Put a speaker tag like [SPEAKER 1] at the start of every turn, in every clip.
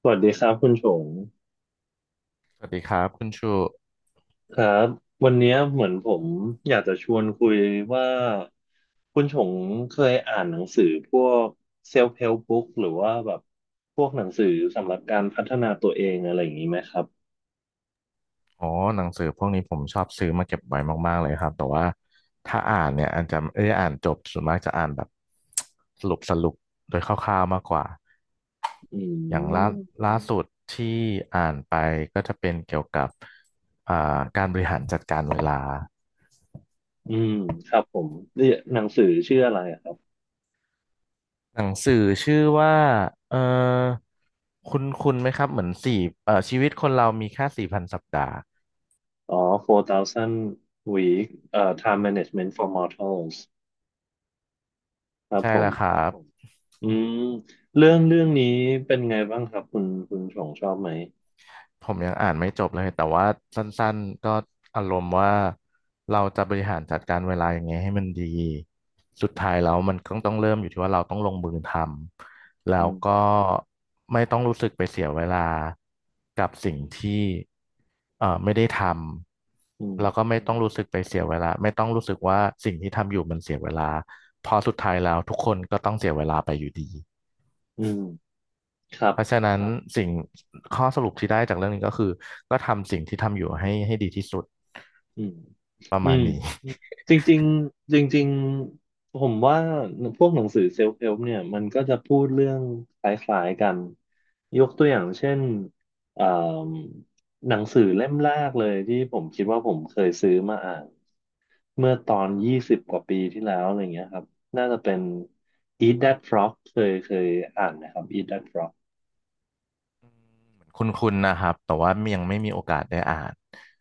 [SPEAKER 1] สวัสดีครับคุณชง
[SPEAKER 2] สวัสดีครับคุณชู
[SPEAKER 1] ครับวันเนี้ยเหมือนผมอยากจะชวนคุยว่าคุณชงเคยอ่านหนังสือพวก self help book หรือว่าแบบพวกหนังสือสำหรับการพัฒนาตัวเองอะไรอย่างนี้ไหมครับ
[SPEAKER 2] อ๋อหนังสือพวกนี้ผมชอบซื้อมาเก็บไว้มากๆเลยครับแต่ว่าถ้าอ่านเนี่ยอาจจะไม่ได้อ่านจบส่วนมากจะอ่านแบบ สรุปสรุปโดยคร่าวๆมากกว่า
[SPEAKER 1] อื
[SPEAKER 2] อย่างล่า
[SPEAKER 1] ม
[SPEAKER 2] ล่าสุดที่อ่านไปก็จะเป็นเกี่ยวกับอ่าการบริหารจัดการเวลา
[SPEAKER 1] อืมครับผมนี่หนังสือชื่ออะไรอะครับ
[SPEAKER 2] หนังสือชื่อว่าเออคุณไหมครับเหมือนสี่เอ่อชีวิตคนเรามีแค่สี่พันสัปดาห์
[SPEAKER 1] อ๋อ4,000 week time management for mortals ครับ
[SPEAKER 2] ใช่
[SPEAKER 1] ผ
[SPEAKER 2] แล้วครั
[SPEAKER 1] ม
[SPEAKER 2] บ
[SPEAKER 1] อืมเรื่องนี้เป็นไงบ้างครับคุณชงชอบไหม
[SPEAKER 2] ผมยังอ่านไม่จบเลยแต่ว่าสั้นๆก็อารมณ์ว่าเราจะบริหารจัดการเวลายังไงให้มันดีสุดท้ายแล้วมันก็ต้องเริ่มอยู่ที่ว่าเราต้องลงมือทำแล้
[SPEAKER 1] อื
[SPEAKER 2] วก็ไม่ต้องรู้สึกไปเสียเวลากับสิ่งที่ไม่ได้ท
[SPEAKER 1] ม
[SPEAKER 2] ำแล้วก็ไม่ต้องรู้สึกไปเสียเวลาไม่ต้องรู้สึกว่าสิ่งที่ทำอยู่มันเสียเวลาเพอสุดท้ายแล้วทุกคนก็ต้องเสียเวลาไปอยู่ดี
[SPEAKER 1] อืมครับ
[SPEAKER 2] เพราะฉะนั้นสิ่งข้อสรุปที่ได้จากเรื่องนี้ก็คือก็ทำสิ่งที่ทำอยู่ให้ดีที่สุด
[SPEAKER 1] อืม
[SPEAKER 2] ประ
[SPEAKER 1] อื
[SPEAKER 2] มาณ
[SPEAKER 1] ม
[SPEAKER 2] นี้
[SPEAKER 1] จริงๆจริงๆผมว่าพวกหนังสือเซลฟ์เ l ลเนี่ยมันก็จะพูดเรื่องคล้ายๆกัน ยกตัวอย่างเช่นเอ่อหนังสือเล่มแรกเลยที่ผมคิดว่าผมเคยซื้อมาอ่านเมื่อตอน20 กว่าปีที่แล้วอะไรเงี้ยครับน่าจะเป็น Eat That Frog เคยอ่านนะครับ Eat That Frog
[SPEAKER 2] คุณคุณนนะครับแต่ว่ายังไม่มีโอกาสได้อ่าน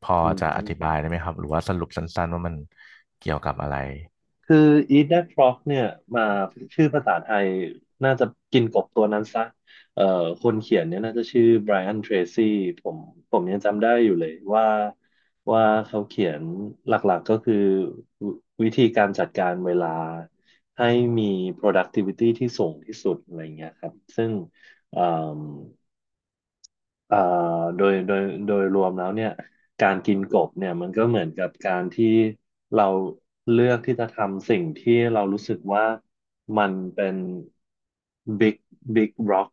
[SPEAKER 2] พอ
[SPEAKER 1] อื
[SPEAKER 2] จะอ
[SPEAKER 1] ม
[SPEAKER 2] ธิบายได้ไหมครับหรือว่าสรุปสั้นๆว่ามันเกี่ยวกับอะไร
[SPEAKER 1] คือ Eat That Frog เนี่ยมาชื่อภาษาไทยน่าจะกินกบตัวนั้นซะเอ่อคนเขียนเนี่ยน่าจะชื่อไบรอันเทรซี่ผมผมยังจำได้อยู่เลยว่าเขาเขียนหลักๆก็คือววิธีการจัดการเวลาให้มี productivity ที่สูงที่สุดอะไรเงี้ยครับซึ่ง เอ่อโดยโดยโดยรวมแล้วเนี่ยการกินกบเนี่ยมันก็เหมือนกับการที่เราเลือกที่จะทำสิ่งที่เรารู้สึกว่ามันเป็น big big rock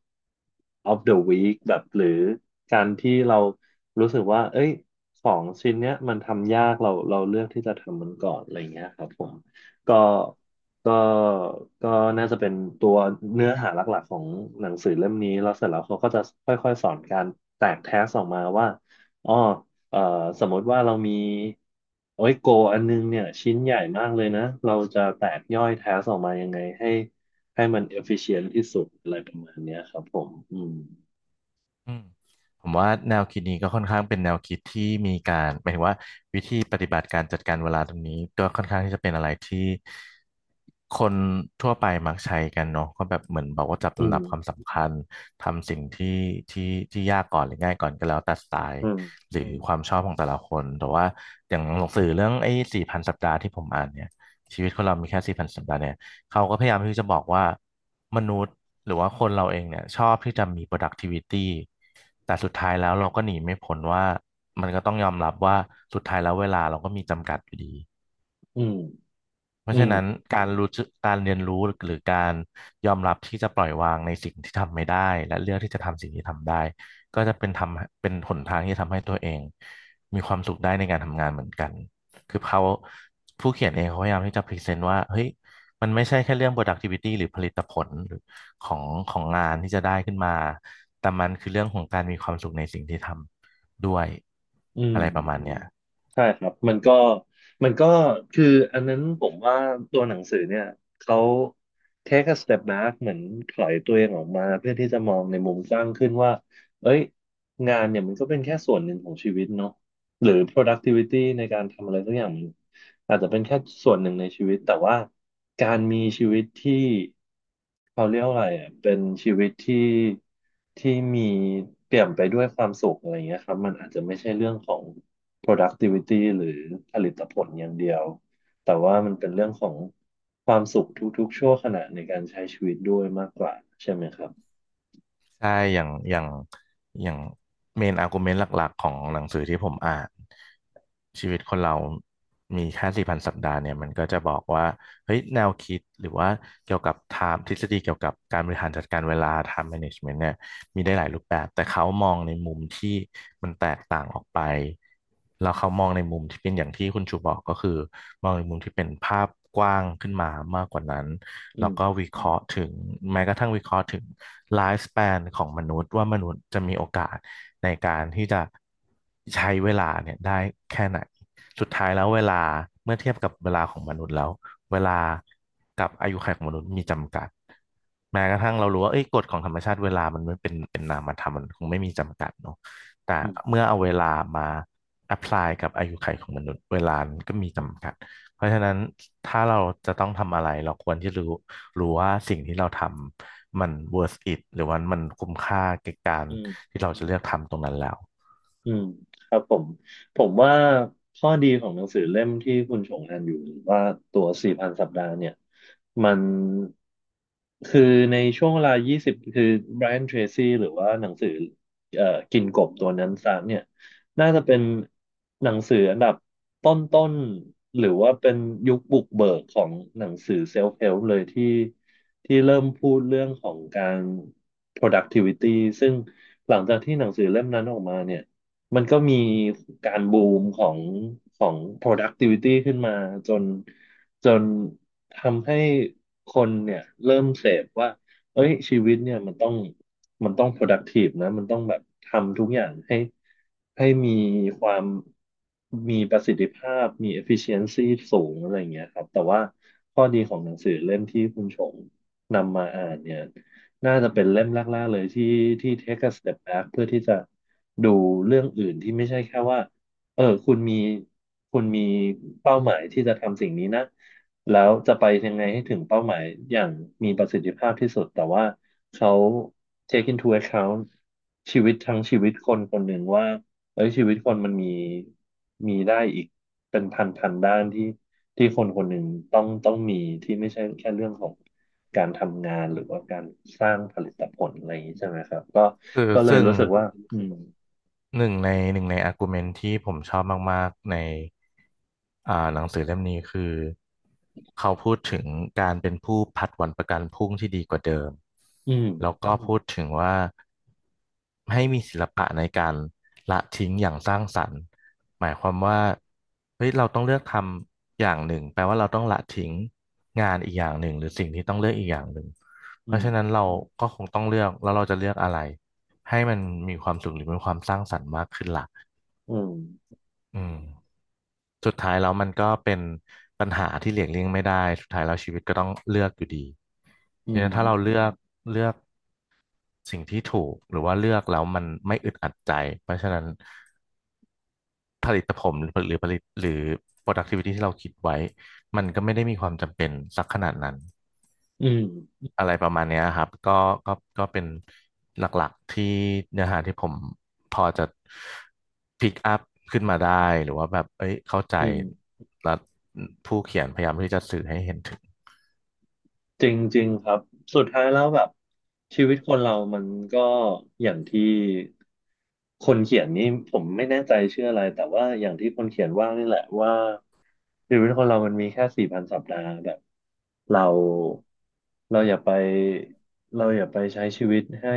[SPEAKER 1] of the week แบบหรือการที่เรารู้สึกว่าเอ้ยของชิ้นเนี้ยมันทำยากเราเลือกที่จะทำมันก่อนอะไรเงี้ยครับผมก็ ก็ก็น่าจะเป็นตัวเนื้อหาหลักๆของหนังสือเล่มนี้แล้วเสร็จแล้วเขาก็จะค่อยๆสอนการแตกแทสออกมาว่าอ๋อเอ่อสมมติว่าเรามีโอ้ยโกอันนึงเนี่ยชิ้นใหญ่มากเลยนะเราจะแตกย่อยแท์ออกมายังไงให้มัน efficient ที่สุดอะไรประมาณเนี้ยครับผมอืม
[SPEAKER 2] อืมผมว่าแนวคิดนี้ก็ค่อนข้างเป็นแนวคิดที่มีการหมายถึงว่าวิธีปฏิบัติการจัดการเวลาตรงนี้ก็ค่อนข้างที่จะเป็นอะไรที่คนทั่วไปมักใช้กันเนาะก็แบบเหมือนบอกว่าจัด
[SPEAKER 1] อื
[SPEAKER 2] ลำดั
[SPEAKER 1] ม
[SPEAKER 2] บความสำคัญทำสิ่งที่ที่ที่ยากก่อนหรือง่ายก่อนก็แล้วแต่สไตล์
[SPEAKER 1] อืม
[SPEAKER 2] หรือความชอบของแต่ละคนแต่ว่าอย่างหนังสือเรื่องไอ้สี่พันสัปดาห์ที่ผมอ่านเนี่ยชีวิตคนเรามีแค่สี่พันสัปดาห์เนี่ย เขาก็พยายามที่จะบอกว่ามนุษย์หรือว่าคนเราเองเนี่ยชอบที่จะมี productivity แต่สุดท้ายแล้วเราก็หนีไม่พ้นว่ามันก็ต้องยอมรับว่าสุดท้ายแล้วเวลาเราก็มีจำกัดอยู่ดี
[SPEAKER 1] อืม
[SPEAKER 2] เพ
[SPEAKER 1] อื
[SPEAKER 2] ราะฉะ
[SPEAKER 1] ม
[SPEAKER 2] นั้นการรู้จึการเรียนรู้หรือการยอมรับที่จะปล่อยวางในสิ่งที่ทำไม่ได้และเลือกที่จะทำสิ่งที่ทำได้ก็จะเป็นทำเป็นหนทางที่จะทำให้ตัวเองมีความสุขได้ในการทำงานเหมือนกันคือเขาผู้เขียนเองเขาพยายามที่จะพรีเซนต์ว่าเฮ้ยมันไม่ใช่แค่เรื่อง productivity หรือผลิตผลหรือของของงานที่จะได้ขึ้นมาแต่มันคือเรื่องของการมีความสุขในสิ่งที่ทำด้วย
[SPEAKER 1] อืม
[SPEAKER 2] อะไรประมาณเนี้ย
[SPEAKER 1] ใช่ครับมันก็คืออันนั้นผมว่าตัวหนังสือเนี่ยเขา take a step back เหมือนถอยตัวเองออกมาเพื่อที่จะมองในมุมกว้างขึ้นว่าเอ้ยงานเนี่ยมันก็เป็นแค่ส่วนหนึ่งของชีวิตเนาะหรือ productivity ในการทำอะไรสักอย่างมันอาจจะเป็นแค่ส่วนหนึ่งในชีวิตแต่ว่าการมีชีวิตที่เขาเรียกว่าอะไรอ่ะเป็นชีวิตที่มีเปี่ยมไปด้วยความสุขอะไรอย่างเงี้ยครับมันอาจจะไม่ใช่เรื่องของ productivity หรือผลิตผลอย่างเดียว แต่ว่ามันเป็นเรื่องของความสุขทุกๆชั่วขณะในการใช้ชีวิตด้วยมากกว่าใช่ไหมครับ
[SPEAKER 2] ใช่อย่างอย่างอย่างเมนอาร์กิวเมนต์หลัก ๆ ของหนังสือที่ผมอ่านชีวิตคนเรามีแค่4,000 สัปดาห์เนี่ย มันก็จะบอกว่าเฮ้ยแนวคิด หรือว่าเกี่ยวกับ time ทฤษฎีเกี่ยวกับการบริหารจัดการเวลา time management เนี่ย มีได้หลายรูปแบบ แต่เขามองในมุมที่มันแตกต่างออกไปแล้วเขามองในมุมที่เป็นอย่างที่คุณชูบอกก็คือมองในมุมที่เป็นภาพกว้างขึ้นมามากกว่านั้น
[SPEAKER 1] อื
[SPEAKER 2] แล้วก็
[SPEAKER 1] ม
[SPEAKER 2] วิเคราะห์ถึงแม้กระทั่งวิเคราะห์ถึงไลฟ์ส p ป n ของมนุษย์ว่ามนุษย์จะมีโอกาสในการที่จะใช้เวลาเนี่ยได้แค่ไหนสุดท้ายแล้วเวลาเมื่อเทียบกับเวลาของมนุษย์แล้ว เวลากับอายุขัยของมนุษย์มีจำกัดแม้กระทั่งเรารู้ว่าเอ้ยกฎของธรรมชาติเวลามันไม่เป็นนามธรรมมันคงไม่มีจำกัดเนาะแต่
[SPEAKER 1] อืม
[SPEAKER 2] เมื่อเอาเวลามา apply กับอายุขัยของมนุษย์เวลามันก็มี
[SPEAKER 1] อืม
[SPEAKER 2] จำกัดเพราะฉะนั้นถ้าเราจะต้องทำอะไรเราควรที่รู้ว่าสิ่งที่เราทำมัน worth it หรือว่ามันคุ้มค่าแก่การ
[SPEAKER 1] อืม
[SPEAKER 2] ที่เราจะเลือกทำตรงนั้นแล้ว
[SPEAKER 1] อืมครับผมผมว่าข้อดีของหนังสือเล่มที่คุณชงอ่านอยู่หรือว่าตัวสี่พันสัปดาห์เนี่ยมันคือในช่วงเวลา20 คือ b บร a n t เทรซี่หรือว่าหนังสือเอ่อกินกบตัวนั้นซามเนี่ยน่าจะเป็นหนังสืออันดับต้นๆหรือว่าเป็นยุคบุกเบิกของหนังสือเซลฟ์เ l ลเลยที่เริ่มพูดเรื่องของการ productivity ซึ่งหลังจากที่หนังสือเล่มนั้นออกมาเนี่ย มันก็มีการบูมของของ productivity ขึ้นมาจนจนทำให้คนเนี่ยเริ่มเสพว่าเอ้ยชีวิตเนี่ยมันต้อง productive นะมันต้องแบบทำทุกอย่างให้มีความมีประสิทธิภาพมี efficiency สูงอะไรอย่างเงี้ยครับแต่ว่าข้อดีของหนังสือเล่มที่คุณชงนำมาอ่านเนี่ย น่าจะเป็นเล่มแรกๆเลยที่take a step back เพื่อที่จะดูเรื่องอื่นที่ไม่ใช่แค่ว่าเออคุณมีเป้าหมายที่จะทำสิ่งนี้นะแล้วจะไปยังไงให้ถึงเป้าหมายอย่างมีประสิทธิภาพที่สุดแต่ว่าเขา take into account ชีวิตทั้งชีวิตคนคนหนึ่งว่าเอ้ยชีวิตคนมันมีได้อีกเป็นพันพันด้านที่ คนคนหนึ่งต้องมีที่ไม่ใช่แค่เรื่องของการทำงานหรือว่าการสร้างผลิตผลอะไรอย่างนี้ใช่ไหมครับก็
[SPEAKER 2] คือ
[SPEAKER 1] เลย
[SPEAKER 2] ซึ่ง
[SPEAKER 1] รู้สึกว่าอืม
[SPEAKER 2] หนึ่งในอาร์กิวเมนต์ที่ผมชอบมากๆในหนังสือเล่มนี้คือเขาพูดถึงการเป็นผู้ผัดวันประกันพรุ่งที่ดีกว่าเดิม
[SPEAKER 1] อืม
[SPEAKER 2] แล้วก็พูดถึงว่าให้มีศิลปะในการละทิ้งอย่างสร้างสรรค์หมายความว่าเฮ้ยเราต้องเลือกทำอย่างหนึ่งแปลว่าเราต้องละทิ้งงานอีกอย่างหนึ่งหรือสิ่งที่ต้องเลือกอีกอย่างหนึ่ง เพ
[SPEAKER 1] อื
[SPEAKER 2] ราะฉะนั้น
[SPEAKER 1] ม
[SPEAKER 2] เราก็คงต้องเลือกแล้วเราจะเลือกอะไรให้มันมีความสุขหรือมีความสร้างสรรค์มากขึ้นล่ะ
[SPEAKER 1] อืม
[SPEAKER 2] อืมสุดท้ายแล้วมันก็เป็นปัญหาที่หลีกเลี่ยงไม่ได้สุดท้ายแล้วชีวิตก็ต้องเลือกอยู่ดี
[SPEAKER 1] อื
[SPEAKER 2] ที
[SPEAKER 1] ม
[SPEAKER 2] นั้นถ้าเราเลือกสิ่งที่ถูกหรือว่าเลือกแล้วมันไม่อึดอัดใจเพราะฉะนั้นผลิตผลหรือผลิตหรือ productivity ที่เราคิดไว้มันก็ไม่ได้มีความจำเป็นสักขนาดนั้น
[SPEAKER 1] อืม
[SPEAKER 2] อะไรประมาณเนี้ยครับก็ก็เป็นหลักๆที่เนื้อหาที่ผมพอจะพิกอัพขึ้นมาได้หรือว่าแบบเอ้ยเข้าใจ
[SPEAKER 1] อืม
[SPEAKER 2] แล้วผู้เขียนพยายามที่จะสื่อให้เห็นถึง
[SPEAKER 1] จริงๆครับสุดท้ายแล้วแบบชีวิตคนเรามันก็อย่างที่คนเขียนนี่ผมไม่แน่ใจชื่ออะไรแต่ว่าอย่างที่คนเขียนว่านี่แหละว่าชีวิตคนเรามันมีแค่สี่พันสัปดาห์แบบเราเราอย่าไปเราอย่าไปใช้ชีวิตให้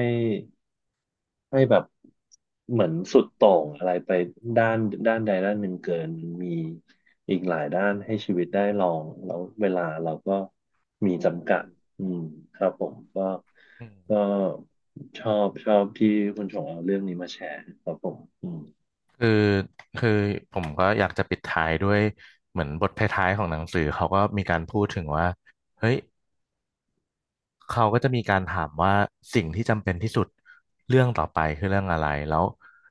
[SPEAKER 1] แบบเหมือนสุดโต่งอะไรไปด้านด้านใดด้านหนึ่งเกินมีอีกหลายด้านให้ชีวิตได้ลองแล้วเวลาเราก็มีจำกัดอืมครับผมก็
[SPEAKER 2] อืม
[SPEAKER 1] ก็ชอบที่คุณชงเอาเรื่องนี้มาแชร์ครับผมอืม
[SPEAKER 2] คือคือผมก็อยากจะปิดท้ายด้วยเหมือนบทท้ายๆของหนังสือเขาก็มีการพูดถึงว่าเฮ้ย เขาก็จะมีการถามว่าสิ่งที่จำเป็นที่สุดเรื่องต่อไปคือเรื่องอะไรแล้ว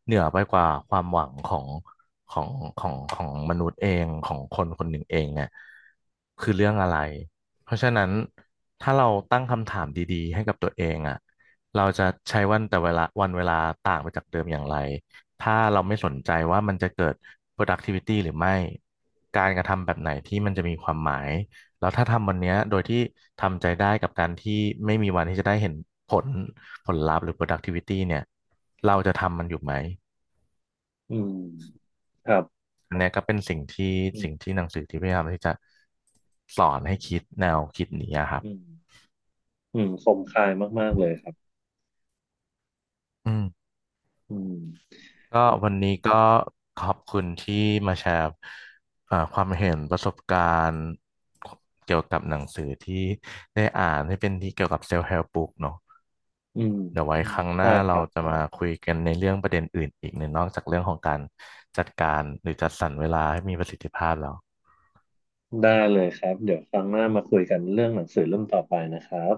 [SPEAKER 2] เหนือไปกว่าความหวังของของมนุษย์เองของคนคนหนึ่งเองเนี่ยคือเรื่องอะไรเพราะฉะนั้นถ้าเราตั้งคำถามดีๆให้กับตัวเองอ่ะเราจะใช้วันแต่เวลาวันเวลาต่างไปจากเดิมอย่างไรถ้าเราไม่สนใจว่ามันจะเกิด productivity หรือไม่การกระทำแบบไหนที่มันจะมีความหมาย แล้วถ้าทำวันเนี้ยโดยที่ทำใจได้กับการที่ไม่มีวันที่จะได้เห็นผลผลลัพธ์หรือ productivity เนี่ยเราจะทำมันอยู่ไหม
[SPEAKER 1] อืมครับ
[SPEAKER 2] อันเนี้ยก็เป็นสิ่งที่
[SPEAKER 1] อืม
[SPEAKER 2] สิ่งที่หนังสือที่พยายามที่จะสอนให้คิดแนวคิดนี้อะครับ
[SPEAKER 1] อืมอืมคมคายมากๆเลยครับ
[SPEAKER 2] อืม
[SPEAKER 1] อืม
[SPEAKER 2] ก็วันนี้ก็ขอบคุณที่มาแชร์ความเห็นประสบการณ์เกี่ยวกับหนังสือที่ได้อ่านที่เป็นที่เกี่ยวกับ self help book เนอะ
[SPEAKER 1] อืม
[SPEAKER 2] เดี๋ยวไว้ครั้งห
[SPEAKER 1] ใช่
[SPEAKER 2] น้า
[SPEAKER 1] ค
[SPEAKER 2] เรา
[SPEAKER 1] รับ
[SPEAKER 2] จะมาคุยกันในเรื่องประเด็นอื่นอีกหน่นอกจากเรื่องของการจัดการหรือจัดสรรเวลาให้มีประสิทธิภาพแล้ว
[SPEAKER 1] ได้เลยครับเดี๋ยวครั้งหน้ามาคุยกันเรื่องหนังสือเรื่องต่อไปนะครับ